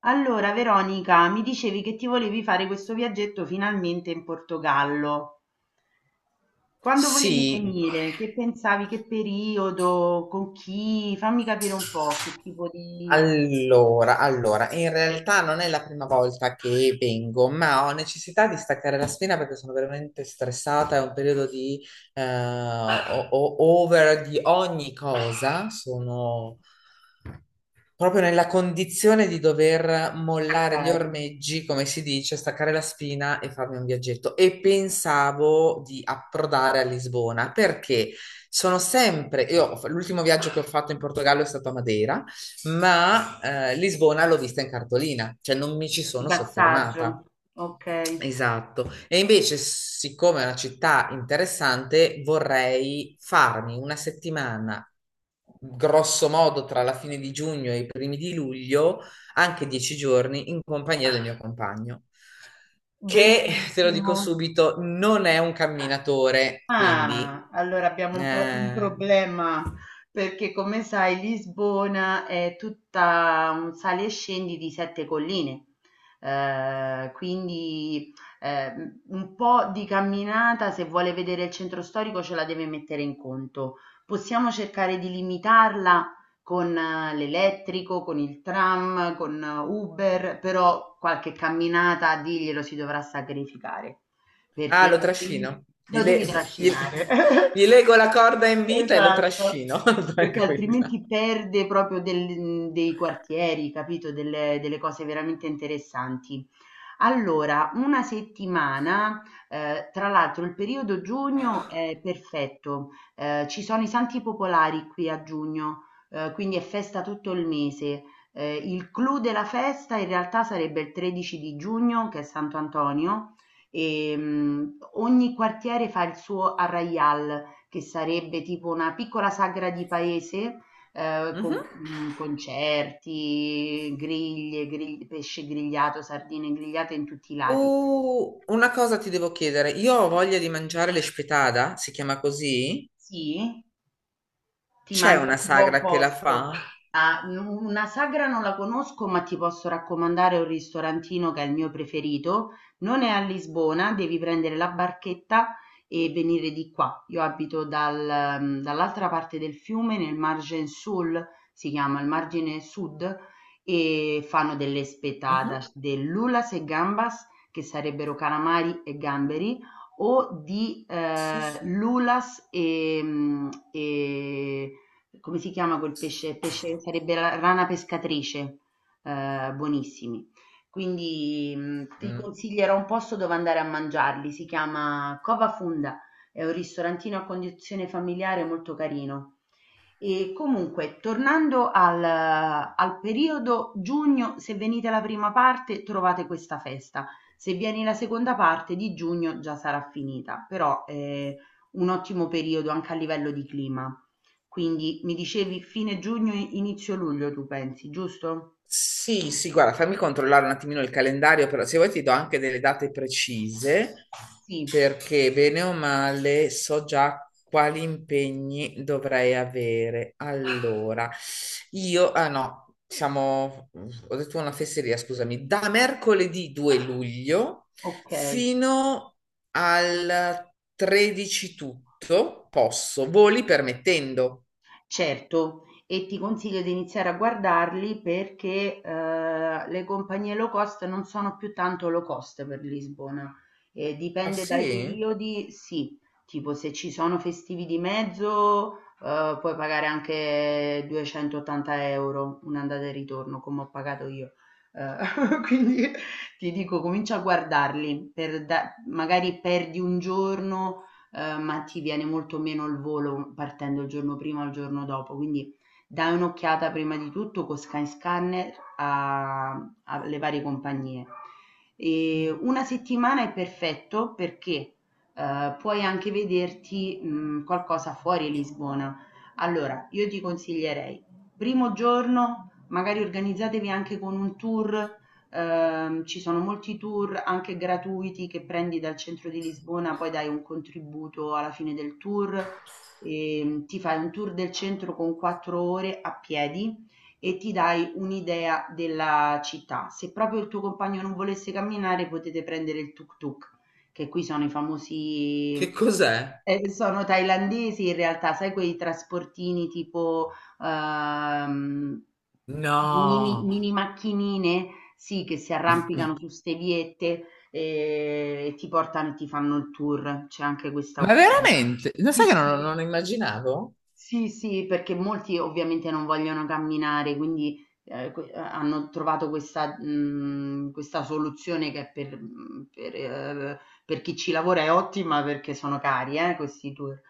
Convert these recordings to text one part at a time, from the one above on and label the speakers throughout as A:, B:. A: Allora Veronica, mi dicevi che ti volevi fare questo viaggetto finalmente in Portogallo. Quando volevi
B: Sì,
A: venire? Che pensavi? Che periodo? Con chi? Fammi capire un po' che tipo di
B: allora, in realtà non è la prima volta che vengo, ma ho necessità di staccare la spina perché sono veramente stressata, è un periodo di over di ogni cosa, sono proprio nella condizione di dover mollare gli ormeggi, come si dice, staccare la spina e farmi un viaggetto. E pensavo di approdare a Lisbona perché sono sempre, io ho fa- l'ultimo viaggio che ho fatto in Portogallo è stato a Madeira, ma Lisbona l'ho vista in cartolina, cioè non mi ci
A: di
B: sono
A: passaggio.
B: soffermata.
A: Ok,
B: Esatto. E invece, siccome è una città interessante, vorrei farmi una settimana, grosso modo tra la fine di giugno e i primi di luglio, anche 10 giorni, in compagnia del mio compagno, che, te lo dico
A: bellissimo.
B: subito, non è un camminatore, quindi...
A: Ah, allora abbiamo un po' un
B: eh,
A: problema perché come sai Lisbona è tutta un sali e scendi di sette colline. Quindi eh, un po' di camminata se vuole vedere il centro storico ce la deve mettere in conto. Possiamo cercare di limitarla con l'elettrico, con il tram, con Uber, però qualche camminata diglielo si dovrà sacrificare
B: Ah,
A: perché
B: lo
A: altrimenti
B: trascino.
A: lo devi
B: Gli-
A: trascinare.
B: Gli lego la corda in vita e lo
A: Esatto,
B: trascino,
A: perché
B: tranquilla.
A: altrimenti perde proprio del dei quartieri, capito, delle cose veramente interessanti. Allora, una settimana, tra l'altro il periodo giugno è perfetto. Ci sono i santi popolari qui a giugno, quindi è festa tutto il mese. Il clou della festa in realtà sarebbe il 13 di giugno, che è Santo Antonio, e ogni quartiere fa il suo arraial, che sarebbe tipo una piccola sagra di paese, con,
B: Mhm.
A: concerti, griglie, grigl pesce grigliato, sardine grigliate in tutti i lati.
B: Una cosa ti devo chiedere, io ho voglia di mangiare l'espetada, si chiama così?
A: Sì? Ti
B: C'è
A: mando
B: una
A: in un buon
B: sagra che la fa?
A: posto. Ah, una sagra non la conosco, ma ti posso raccomandare un ristorantino che è il mio preferito. Non è a Lisbona, devi prendere la barchetta e venire di qua. Io abito dall'altra parte del fiume, nel margine sul, si chiama il margine sud, e fanno delle
B: Mhm.
A: spettadas dell'ulas e gambas, che sarebbero calamari e gamberi, o di
B: Sì, sì.
A: lulas e come si chiama quel pesce? Pesce sarebbe la rana pescatrice, buonissimi. Quindi, ti
B: Mm.
A: consiglierò un posto dove andare a mangiarli, si chiama Cova Funda, è un ristorantino a condizione familiare molto carino. E comunque, tornando al periodo giugno, se venite alla prima parte trovate questa festa, se vieni la seconda parte di giugno già sarà finita, però è un ottimo periodo anche a livello di clima. Quindi mi dicevi fine giugno, inizio luglio tu pensi, giusto?
B: Sì, sì, guarda, fammi controllare un attimino il calendario, però se vuoi ti do anche delle date precise,
A: Sì,
B: perché bene o male so già quali impegni dovrei avere. Allora, io, ah no, siamo, ho detto una fesseria, scusami, da mercoledì 2 luglio
A: ok.
B: fino al 13 tutto posso, voli permettendo.
A: Certo, e ti consiglio di iniziare a guardarli perché le compagnie low cost non sono più tanto low cost per Lisbona.
B: Ah
A: Dipende dai
B: sì?
A: periodi, sì, tipo se ci sono festivi di mezzo puoi pagare anche 280 euro un'andata e ritorno come ho pagato io. Eh, quindi ti dico, comincia a guardarli, magari perdi un giorno, ma ti viene molto meno il volo partendo il giorno prima o il giorno dopo, quindi dai un'occhiata prima di tutto con Skyscanner alle varie compagnie. E una settimana è perfetto perché puoi anche vederti qualcosa fuori Lisbona. Allora, io ti consiglierei, primo giorno, magari organizzatevi anche con un tour. Ci sono molti tour anche gratuiti che prendi dal centro di Lisbona, poi dai un contributo alla fine del tour. Ti fai un tour del centro con 4 ore a piedi e ti dai un'idea della città. Se proprio il tuo compagno non volesse camminare, potete prendere il tuk-tuk, che qui sono i
B: Che
A: famosi.
B: cos'è?
A: Sono thailandesi in realtà, sai quei trasportini tipo ehm, mini,
B: No.
A: mini macchinine, sì, che si arrampicano su ste viette, e ti portano e ti fanno il tour, c'è anche questa
B: Ma
A: opzione.
B: veramente? Lo
A: Sì,
B: sai che non
A: sì.
B: lo immaginavo?
A: Sì, sì, perché molti ovviamente non vogliono camminare, quindi, que hanno trovato questa soluzione che è per mhmm, per chi ci lavora è ottima perché sono cari, questi tour,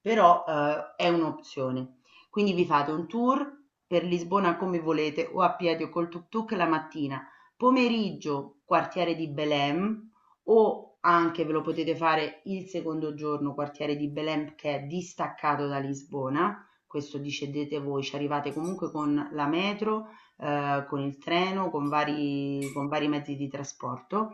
A: però, è un'opzione. Quindi vi fate un tour per Lisbona come volete, o a piedi o col tuk tuk la mattina, pomeriggio quartiere di Belém, o anche ve lo potete fare il secondo giorno, quartiere di Belém che è distaccato da Lisbona, questo decidete voi, ci arrivate comunque con la metro, con il treno, con vari mezzi di trasporto.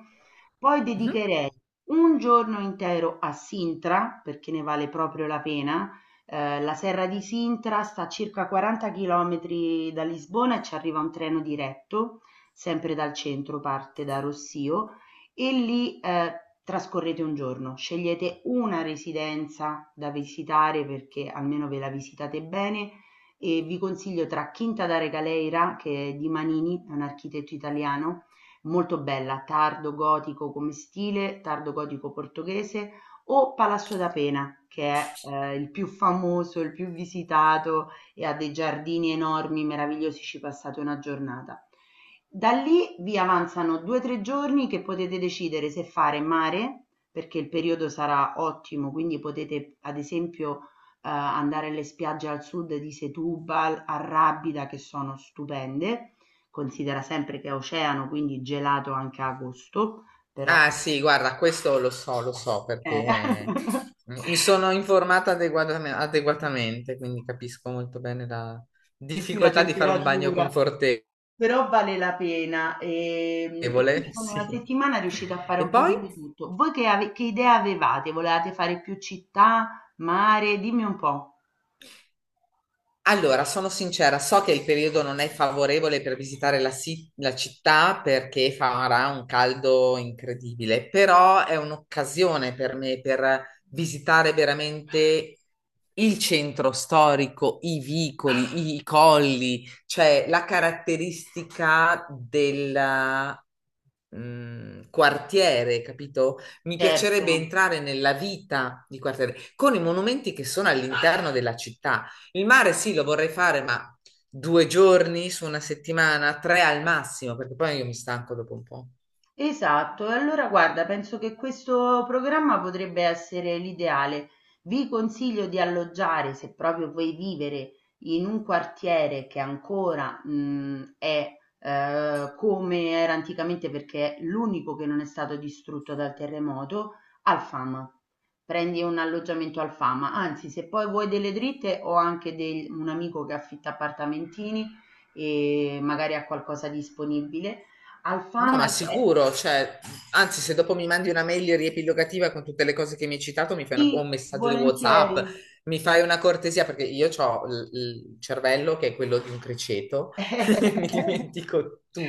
A: Poi
B: Mhm.
A: dedicherei un giorno intero a Sintra, perché ne vale proprio la pena. La Serra di Sintra sta a circa 40 km da Lisbona e ci arriva un treno diretto, sempre dal centro, parte da Rossio e lì trascorrete un giorno, scegliete una residenza da visitare perché almeno ve la visitate bene, e vi consiglio tra Quinta da Regaleira, che è di Manini, è un architetto italiano, molto bella, tardo gotico come stile, tardo gotico portoghese, o Palazzo da Pena, che è il più famoso, il più visitato, e ha dei giardini enormi, meravigliosi, ci passate una giornata. Da lì vi avanzano 2-3 giorni che potete decidere se fare mare, perché il periodo sarà ottimo, quindi potete ad esempio andare alle spiagge al sud di Setúbal, a Rábida, che sono stupende. Considera sempre che è oceano, quindi gelato anche a agosto, però
B: Ah sì, guarda, questo lo so perché
A: eh,
B: mi sono informata adeguatamente, quindi capisco molto bene la
A: sì, la
B: difficoltà di fare un bagno
A: temperatura.
B: confortevole.
A: Però vale la pena, e quindi con una
B: Sì.
A: settimana riuscite a fare
B: E
A: un
B: poi?
A: pochino tutto. Voi che, che idea avevate? Volevate fare più città, mare? Dimmi un po'.
B: Allora, sono sincera, so che il periodo non è favorevole per visitare la città perché farà un caldo incredibile, però è un'occasione per me per visitare veramente il centro storico, i vicoli, i colli, cioè la caratteristica del quartiere, capito? Mi piacerebbe
A: Certo.
B: entrare nella vita di quartiere con i monumenti che sono all'interno della città. Il mare sì, lo vorrei fare, ma 2 giorni su una settimana, tre al massimo, perché poi io mi stanco dopo un po'.
A: Esatto, e allora guarda, penso che questo programma potrebbe essere l'ideale. Vi consiglio di alloggiare, se proprio vuoi vivere in un quartiere che ancora è come era anticamente, perché è l'unico che non è stato distrutto dal terremoto, al Fama. Prendi un alloggiamento al Fama. Anzi, se poi vuoi delle dritte, ho anche un amico che affitta appartamentini e magari ha qualcosa disponibile.
B: No,
A: Alfama
B: ma
A: è,
B: sicuro, cioè, anzi, se dopo mi mandi una mail riepilogativa con tutte le cose che mi hai citato, mi fai o
A: sì,
B: un messaggio di WhatsApp,
A: volentieri.
B: mi fai una cortesia, perché io ho il cervello che è quello di un criceto, mi dimentico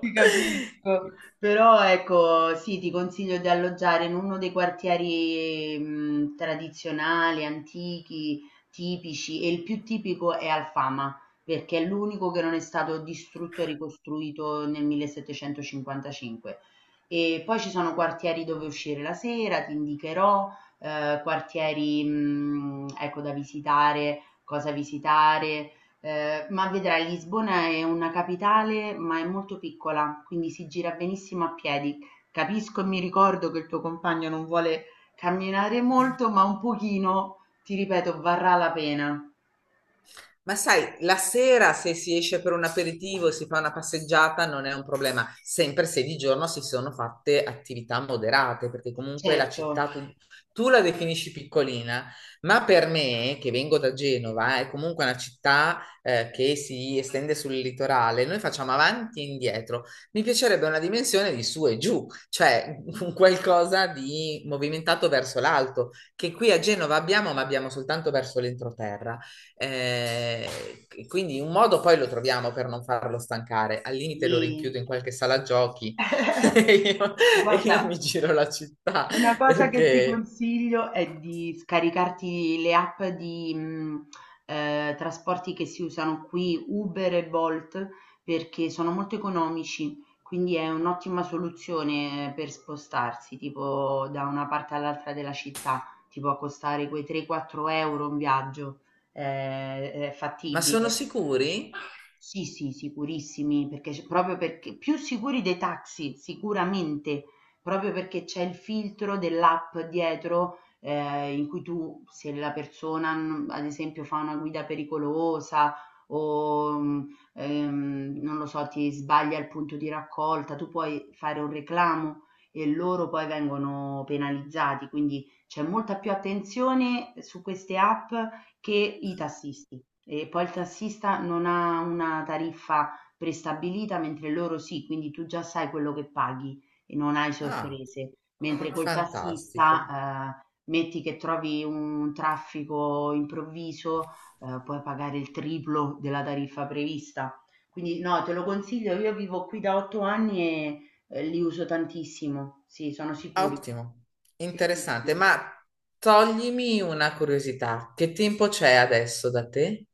A: Ti capisco, però ecco, sì, ti consiglio di alloggiare in uno dei quartieri tradizionali, antichi, tipici e il più tipico è Alfama, perché è l'unico che non è stato distrutto e ricostruito nel 1755. E poi ci sono quartieri dove uscire la sera, ti indicherò, quartieri, ecco, da visitare, cosa visitare. Ma vedrai, Lisbona è una capitale, ma è molto piccola, quindi si gira benissimo a piedi. Capisco e mi ricordo che il tuo compagno non vuole camminare molto, ma un pochino, ti ripeto, varrà la pena.
B: Ma sai, la sera se si esce per un aperitivo e si fa una passeggiata non è un problema, sempre se di giorno si sono fatte attività moderate, perché comunque la città
A: Certo,
B: tu la definisci piccolina, ma per me, che vengo da Genova, è comunque una città che si estende sul litorale, noi facciamo avanti e indietro. Mi piacerebbe una dimensione di su e giù, cioè un qualcosa di movimentato verso l'alto, che qui a Genova abbiamo, ma abbiamo soltanto verso l'entroterra. Quindi un modo poi lo troviamo per non farlo stancare. Al limite lo
A: sì.
B: rinchiudo in qualche sala giochi e io, e io
A: Guarda,
B: mi giro la città
A: una cosa che ti
B: perché...
A: consiglio è di scaricarti le app di trasporti che si usano qui, Uber e Bolt, perché sono molto economici, quindi è un'ottima soluzione per spostarsi, tipo da una parte all'altra della città, ti può costare quei 3-4 euro un viaggio, è
B: Ma sono
A: fattibile.
B: sicuri?
A: Sì, sì, sicurissimi, perché c proprio perché più sicuri dei taxi, sicuramente, proprio perché c'è il filtro dell'app dietro, in cui tu, se la persona, ad esempio, fa una guida pericolosa o, non lo so, ti sbaglia il punto di raccolta, tu puoi fare un reclamo e loro poi vengono penalizzati, quindi c'è molta più attenzione su queste app che i tassisti. E poi il tassista non ha una tariffa prestabilita, mentre loro sì, quindi tu già sai quello che paghi e non hai
B: Ah,
A: sorprese. Mentre col
B: fantastico.
A: tassista, metti che trovi un traffico improvviso, puoi pagare il triplo della tariffa prevista. Quindi no, te lo consiglio, io vivo qui da 8 anni e li uso tantissimo, sì, sono sicuri.
B: Ottimo,
A: Sì, sì,
B: interessante.
A: sì.
B: Ma toglimi una curiosità. Che tempo c'è adesso da te?